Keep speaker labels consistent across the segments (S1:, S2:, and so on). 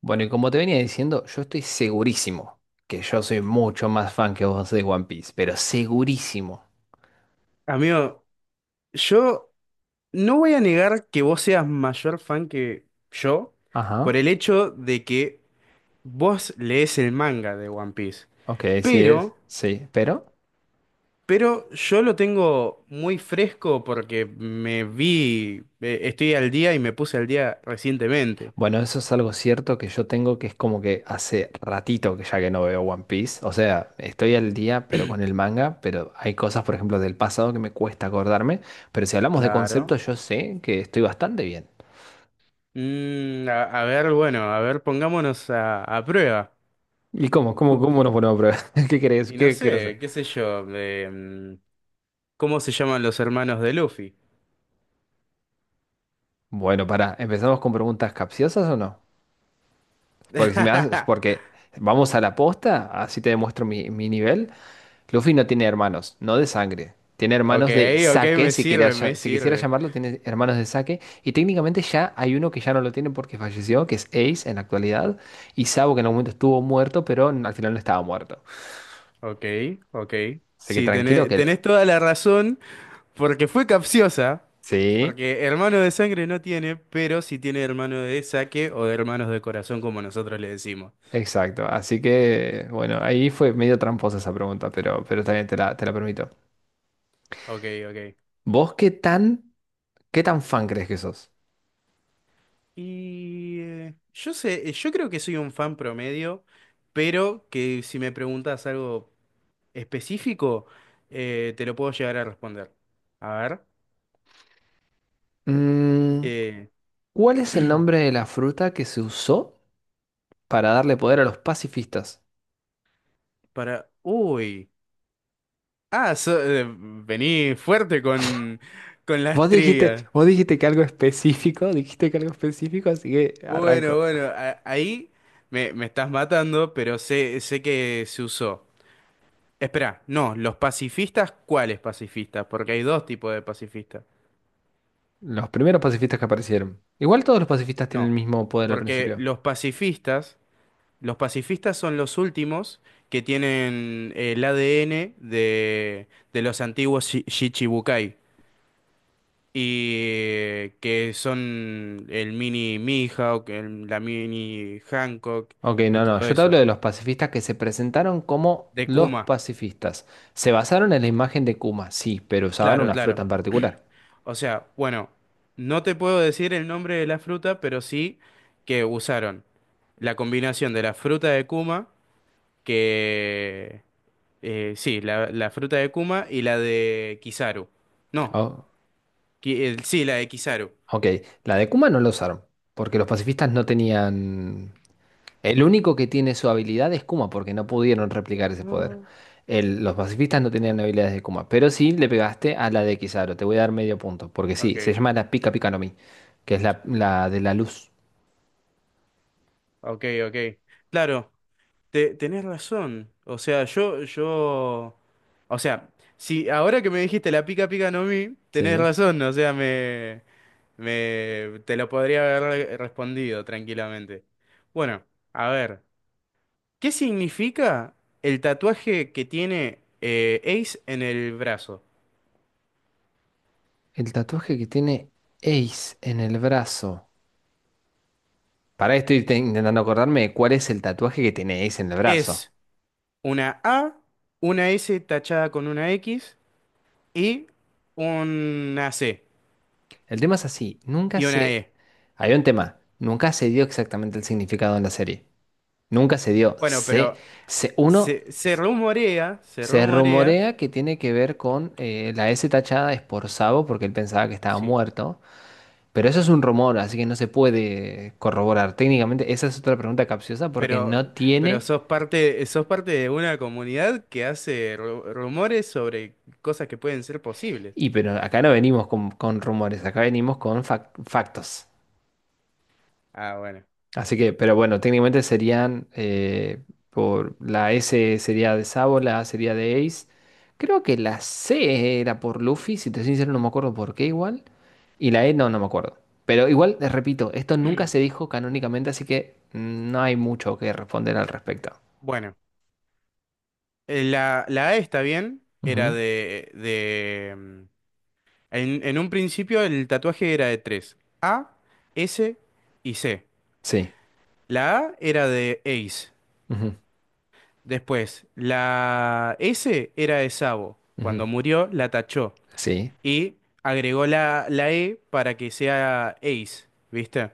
S1: Bueno, y como te venía diciendo, yo estoy segurísimo que yo soy mucho más fan que vos de One Piece, pero segurísimo.
S2: Amigo, yo no voy a negar que vos seas mayor fan que yo por
S1: Ajá,
S2: el hecho de que vos lees el manga de One Piece.
S1: ok, sí es,
S2: Pero,
S1: sí, pero
S2: pero yo lo tengo muy fresco porque me vi, estoy al día y me puse al día recientemente.
S1: bueno, eso es algo cierto que yo tengo, que es como que hace ratito que ya que no veo One Piece, o sea, estoy al día pero con el manga, pero hay cosas, por ejemplo, del pasado que me cuesta acordarme, pero si hablamos de
S2: Claro.
S1: conceptos, yo sé que estoy bastante bien.
S2: A ver, bueno, a ver, pongámonos a prueba.
S1: ¿Y cómo? ¿Cómo,
S2: Cu-
S1: cómo nos ponemos a prueba? ¿Qué querés?
S2: Y no
S1: ¿Qué querés hacer?
S2: sé, qué sé yo, em, ¿cómo se llaman los hermanos de Luffy?
S1: Bueno, pará, ¿empezamos con preguntas capciosas o no? Porque si me haces, porque vamos a la posta, así te demuestro mi nivel. Luffy no tiene hermanos, no de sangre. Tiene
S2: Ok,
S1: hermanos de
S2: ok,
S1: saque,
S2: me
S1: si quería
S2: sirve, me
S1: si quisiera
S2: sirve.
S1: llamarlo, tiene hermanos de saque. Y técnicamente ya hay uno que ya no lo tiene porque falleció, que es Ace en la actualidad. Y Sabo que en algún momento estuvo muerto, pero al final no estaba muerto.
S2: Ok, ok.
S1: Así que
S2: Sí,
S1: tranquilo que...
S2: tenés toda la razón, porque fue capciosa.
S1: Sí,
S2: Porque hermano de sangre no tiene, pero sí tiene hermano de saque o de hermanos de corazón, como nosotros le decimos.
S1: exacto. Así que, bueno, ahí fue medio tramposa esa pregunta, pero también te la permito.
S2: Ok, ok.
S1: ¿Vos qué qué tan fan crees que sos?
S2: Y yo sé, yo creo que soy un fan promedio, pero que si me preguntas algo específico, te lo puedo llegar a responder. A ver,
S1: Mm.
S2: eh,
S1: ¿Cuál es el nombre de la fruta que se usó para darle poder a los pacifistas?
S2: para... Uy. Vení fuerte con las trivias.
S1: Vos dijiste que algo específico, dijiste que algo específico, así que arranco.
S2: Ahí me, me estás matando, pero sé, sé que se usó. Espera, no, los pacifistas, ¿cuáles pacifistas? Porque hay dos tipos de pacifistas.
S1: Los primeros pacifistas que aparecieron. Igual todos los pacifistas tienen el
S2: No,
S1: mismo poder al
S2: porque
S1: principio.
S2: los pacifistas son los últimos que tienen el ADN de los antiguos Shichibukai. Y que son el mini Mihawk, la mini Hancock
S1: Ok,
S2: y
S1: no, no,
S2: todo
S1: yo te hablo
S2: eso.
S1: de los pacifistas que se presentaron como
S2: De
S1: los
S2: Kuma,
S1: pacifistas. Se basaron en la imagen de Kuma, sí, pero usaban
S2: claro,
S1: una
S2: claro.
S1: fruta en particular.
S2: O sea, bueno, no te puedo decir el nombre de la fruta, pero sí que usaron la combinación de la fruta de Kuma, que... sí, la fruta de Kuma y la de Kizaru. No,
S1: Oh,
S2: sí, la de Kizaru.
S1: ok, la de Kuma no la usaron, porque los pacifistas no tenían. El único que tiene su habilidad es Kuma, porque no pudieron replicar ese poder.
S2: Mm.
S1: Los pacifistas no tenían habilidades de Kuma, pero sí le pegaste a la de Kizaru. Te voy a dar medio punto, porque sí, se
S2: Ok,
S1: llama la Pika Pika no Mi, que es la de la luz.
S2: ok, ok. Claro. Tenés razón. O sea, yo, yo. O sea, si ahora que me dijiste la pica pica no mi, tenés
S1: Sí.
S2: razón. O sea, me te lo podría haber respondido tranquilamente. Bueno, a ver. ¿Qué significa el tatuaje que tiene Ace en el brazo?
S1: El tatuaje que tiene Ace en el brazo. Para intentando acordarme de cuál es el tatuaje que tiene Ace en el brazo.
S2: Es una A, una S tachada con una X y una C
S1: El tema es así, nunca
S2: y una
S1: se...
S2: E.
S1: Hay un tema, nunca se dio exactamente el significado en la serie. Nunca se dio.
S2: Bueno, pero
S1: Uno
S2: Se, se rumorea, se
S1: se
S2: rumorea,
S1: rumorea que tiene que ver con la S tachada es por Sabo porque él pensaba que estaba
S2: sí,
S1: muerto, pero eso es un rumor, así que no se puede corroborar. Técnicamente, esa es otra pregunta capciosa porque
S2: pero,
S1: no
S2: pero
S1: tiene,
S2: sos parte, sos parte de una comunidad que hace rumores sobre cosas que pueden ser posibles.
S1: y pero acá no venimos con rumores, acá venimos con factos.
S2: Ah, bueno.
S1: Así que, pero bueno, técnicamente serían por la S sería de Sabo, la A sería de Ace. Creo que la C era por Luffy, si te soy sincero no me acuerdo por qué igual. Y la E no, no me acuerdo. Pero igual, repito, esto nunca se dijo canónicamente, así que mm, no hay mucho que responder al respecto.
S2: Bueno, la A está bien, era
S1: Ujú,
S2: de en un principio el tatuaje era de tres, A, S y C.
S1: sí.
S2: La A era de Ace,
S1: Ujú,
S2: después la S era de Sabo, cuando
S1: ujú,
S2: murió la tachó.
S1: sí.
S2: Y agregó la E para que sea Ace, ¿viste?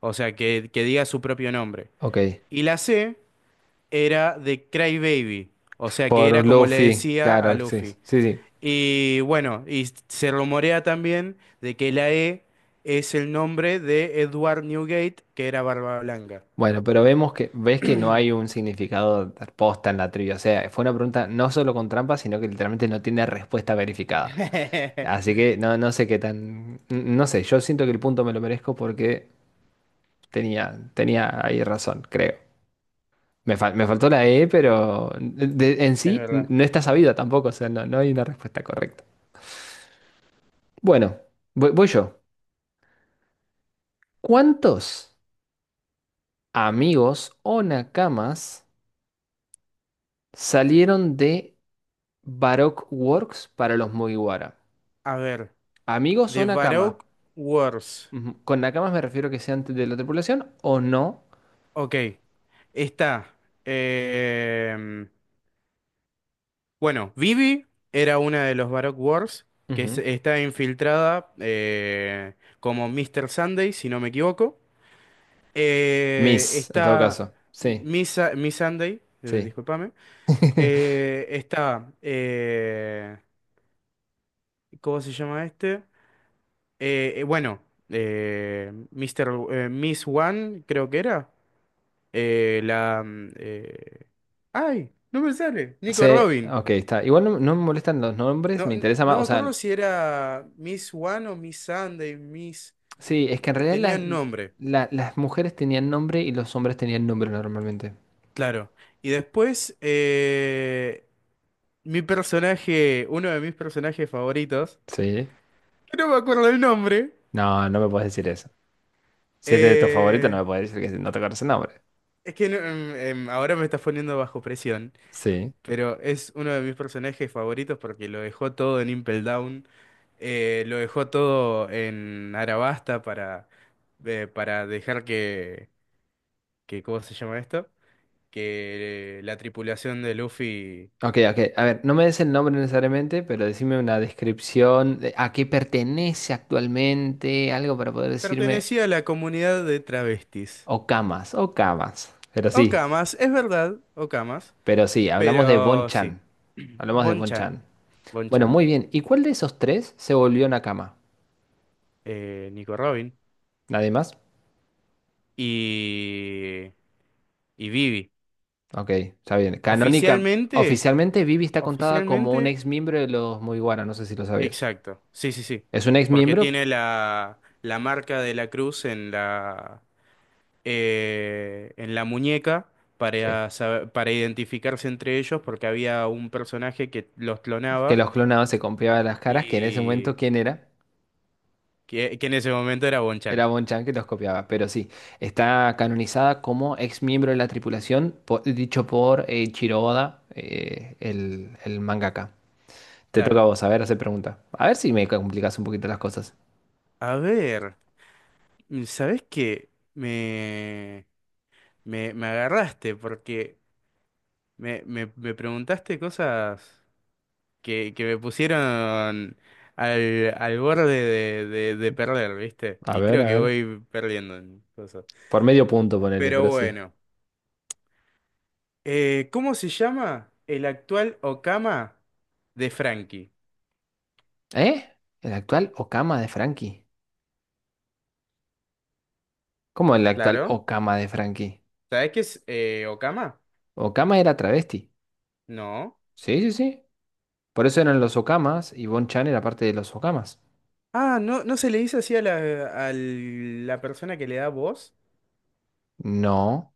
S2: O sea, que diga su propio nombre.
S1: Ok.
S2: Y la C era de Crybaby, o sea, que era
S1: Por
S2: como le
S1: Luffy,
S2: decía a
S1: claro, sí.
S2: Luffy.
S1: Sí, sí.
S2: Y bueno, y se rumorea también de que la E es el nombre de Edward Newgate, que era Barba Blanca.
S1: Bueno, pero vemos que, ves que no hay un significado de posta en la trivia. O sea, fue una pregunta no solo con trampa, sino que literalmente no tiene respuesta verificada. Así que no, no sé qué tan. No sé, yo siento que el punto me lo merezco porque tenía, tenía ahí razón, creo. Me faltó la E, pero en
S2: Es
S1: sí
S2: verdad.
S1: no está sabida tampoco, o sea, no, no hay una respuesta correcta. Bueno, voy, voy yo. ¿Cuántos amigos o nakamas salieron de Baroque Works para los Mugiwara?
S2: A ver,
S1: Amigos o
S2: de
S1: nakamas.
S2: Baroque Wars.
S1: Ujú. Con nakamas me refiero a que sean de la tripulación o no.
S2: Ok, está. em, Bueno, Vivi era una de los Baroque Wars que
S1: Ujú.
S2: está infiltrada como Mr. Sunday, si no me equivoco.
S1: Mis, en todo
S2: Está
S1: caso. Sí,
S2: Miss Sunday,
S1: sí.
S2: discúlpame. Eh, está, eh, ¿Cómo se llama este? Bueno, Miss One, creo que era. Eh, la... mm, eh, ¡Ay! No me sale. Nico
S1: Sí,
S2: Robin.
S1: ok, está. Igual no, no me molestan los nombres,
S2: No,
S1: me interesa
S2: no
S1: más. O
S2: me acuerdo
S1: sea,
S2: si era Miss One o Miss Sunday, Miss...
S1: sí, es que en realidad
S2: tenían nombre,
S1: las mujeres tenían nombre y los hombres tenían nombre normalmente.
S2: claro. Y después, mi personaje, uno de mis personajes favoritos,
S1: Sí.
S2: que no me acuerdo el nombre,
S1: No, no me puedes decir eso. Si es de tu favorito, no
S2: eh,
S1: me puedes decir que no te conoce el nombre.
S2: es que ahora me estás poniendo bajo presión,
S1: Sí.
S2: pero es uno de mis personajes favoritos porque lo dejó todo en Impel Down, lo dejó todo en Arabasta para dejar que, ¿cómo se llama esto? Que la tripulación de Luffy
S1: Ok, ok. A ver, no me des el nombre necesariamente, pero decime una descripción de a qué pertenece actualmente, algo para poder decirme.
S2: pertenecía a la comunidad de travestis.
S1: O camas, o camas, pero sí,
S2: Okamas, es verdad, Okamas,
S1: pero sí, hablamos de
S2: pero sí.
S1: Bonchan. Hablamos de
S2: Bonchan,
S1: Bonchan. Bueno,
S2: Bonchan,
S1: muy bien. ¿Y cuál de esos tres se volvió Nakama?
S2: Nico Robin
S1: ¿Nadie más?
S2: y, y Vivi.
S1: Ok, está bien. Canónica.
S2: Oficialmente,
S1: Oficialmente, Vivi está contada como un
S2: oficialmente,
S1: ex miembro de los Mugiwara, no sé si lo sabías.
S2: exacto, sí, sí, sí,
S1: Es un ex
S2: porque
S1: miembro,
S2: tiene la marca de la cruz en la muñeca
S1: sí,
S2: para, para identificarse entre ellos porque había un personaje que los
S1: que
S2: clonaba
S1: los clonados se copiaban las caras, que en ese momento,
S2: y
S1: ¿quién era?
S2: que en ese momento era Bonchan.
S1: Era Bonchan que los copiaba, pero sí, está canonizada como ex miembro de la tripulación, dicho por Ichiro Oda, el mangaka. Te toca a
S2: Claro.
S1: vos, a ver, hacer pregunta. A ver si me complicas un poquito las cosas.
S2: A ver, ¿sabés qué? Me agarraste porque me preguntaste cosas que me pusieron al borde de perder, ¿viste?
S1: A
S2: Y
S1: ver,
S2: creo
S1: a
S2: que
S1: ver.
S2: voy perdiendo en cosas.
S1: Por medio punto, ponele,
S2: Pero
S1: pero sí.
S2: bueno. ¿Cómo se llama el actual Okama de Frankie?
S1: ¿Eh? ¿El actual Okama de Frankie? ¿Cómo el actual
S2: Claro.
S1: Okama de Frankie?
S2: ¿Sabés qué es Okama?
S1: Okama era travesti.
S2: No.
S1: Sí, sí, sí. Por eso eran los Okamas y Bonchan era parte de los Okamas.
S2: Ah, no, ¿no se le dice así a a la persona que le da voz?
S1: No.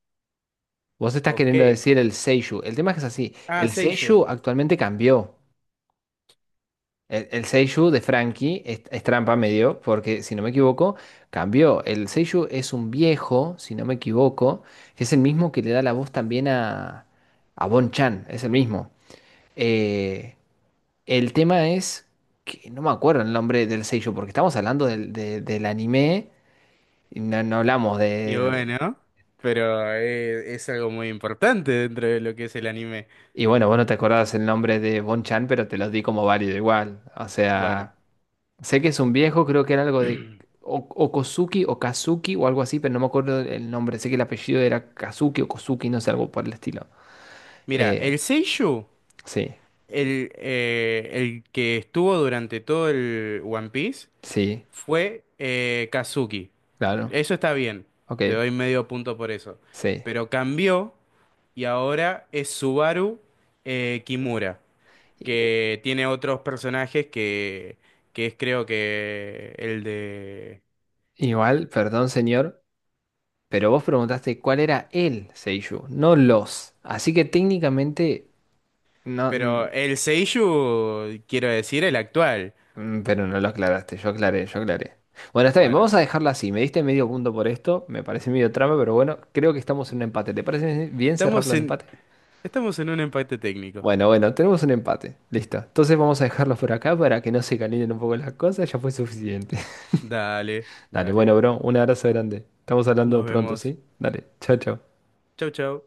S1: Vos estás
S2: Ok.
S1: queriendo decir el seiyuu. El tema es que es así.
S2: Ah,
S1: El
S2: Seiyo.
S1: seiyuu actualmente cambió. El seiyuu de Frankie es trampa medio, porque si no me equivoco, cambió. El seiyuu es un viejo, si no me equivoco, que es el mismo que le da la voz también a Bon-chan. Es el mismo. Eh, el tema es que no me acuerdo el nombre del seiyuu, porque estamos hablando del anime y no, no hablamos
S2: Y
S1: de,
S2: bueno, pero es algo muy importante dentro de lo que es el anime.
S1: y bueno, vos no te acordabas el nombre de Bon Chan, pero te los di como válido igual. O
S2: Bueno,
S1: sea, sé que es un viejo, creo que era algo de Okosuki o Kazuki o algo así, pero no me acuerdo el nombre. Sé que el apellido era Kazuki o Kosuki, no sé, algo por el estilo.
S2: mira,
S1: Eh,
S2: el Seiyu,
S1: sí,
S2: el que estuvo durante todo el One Piece
S1: sí,
S2: fue Kazuki.
S1: claro,
S2: Eso está bien,
S1: ok,
S2: te doy medio punto por eso.
S1: sí.
S2: Pero cambió y ahora es Subaru Kimura,
S1: Y-
S2: que tiene otros personajes que es creo que el de...
S1: igual, perdón señor, pero vos preguntaste cuál era el Seiyuu, no los. Así que técnicamente no.
S2: Pero el Seiyuu, quiero decir, el actual.
S1: Mm, pero no lo aclaraste, yo aclaré, yo aclaré. Bueno, está bien,
S2: Bueno,
S1: vamos a dejarla así. Me diste medio punto por esto, me parece medio trama, pero bueno, creo que estamos en un empate. ¿Te parece bien
S2: estamos
S1: cerrarlo en
S2: en,
S1: empate?
S2: estamos en un empate técnico.
S1: Bueno, bueno, tenemos un empate. Listo. Entonces vamos a dejarlo por acá para que no se calienten un poco las cosas, ya fue suficiente.
S2: Dale,
S1: Dale, bueno,
S2: dale.
S1: bro, un abrazo grande. Estamos hablando
S2: Nos
S1: pronto,
S2: vemos.
S1: ¿sí? Dale, chao, chao.
S2: Chau, chau.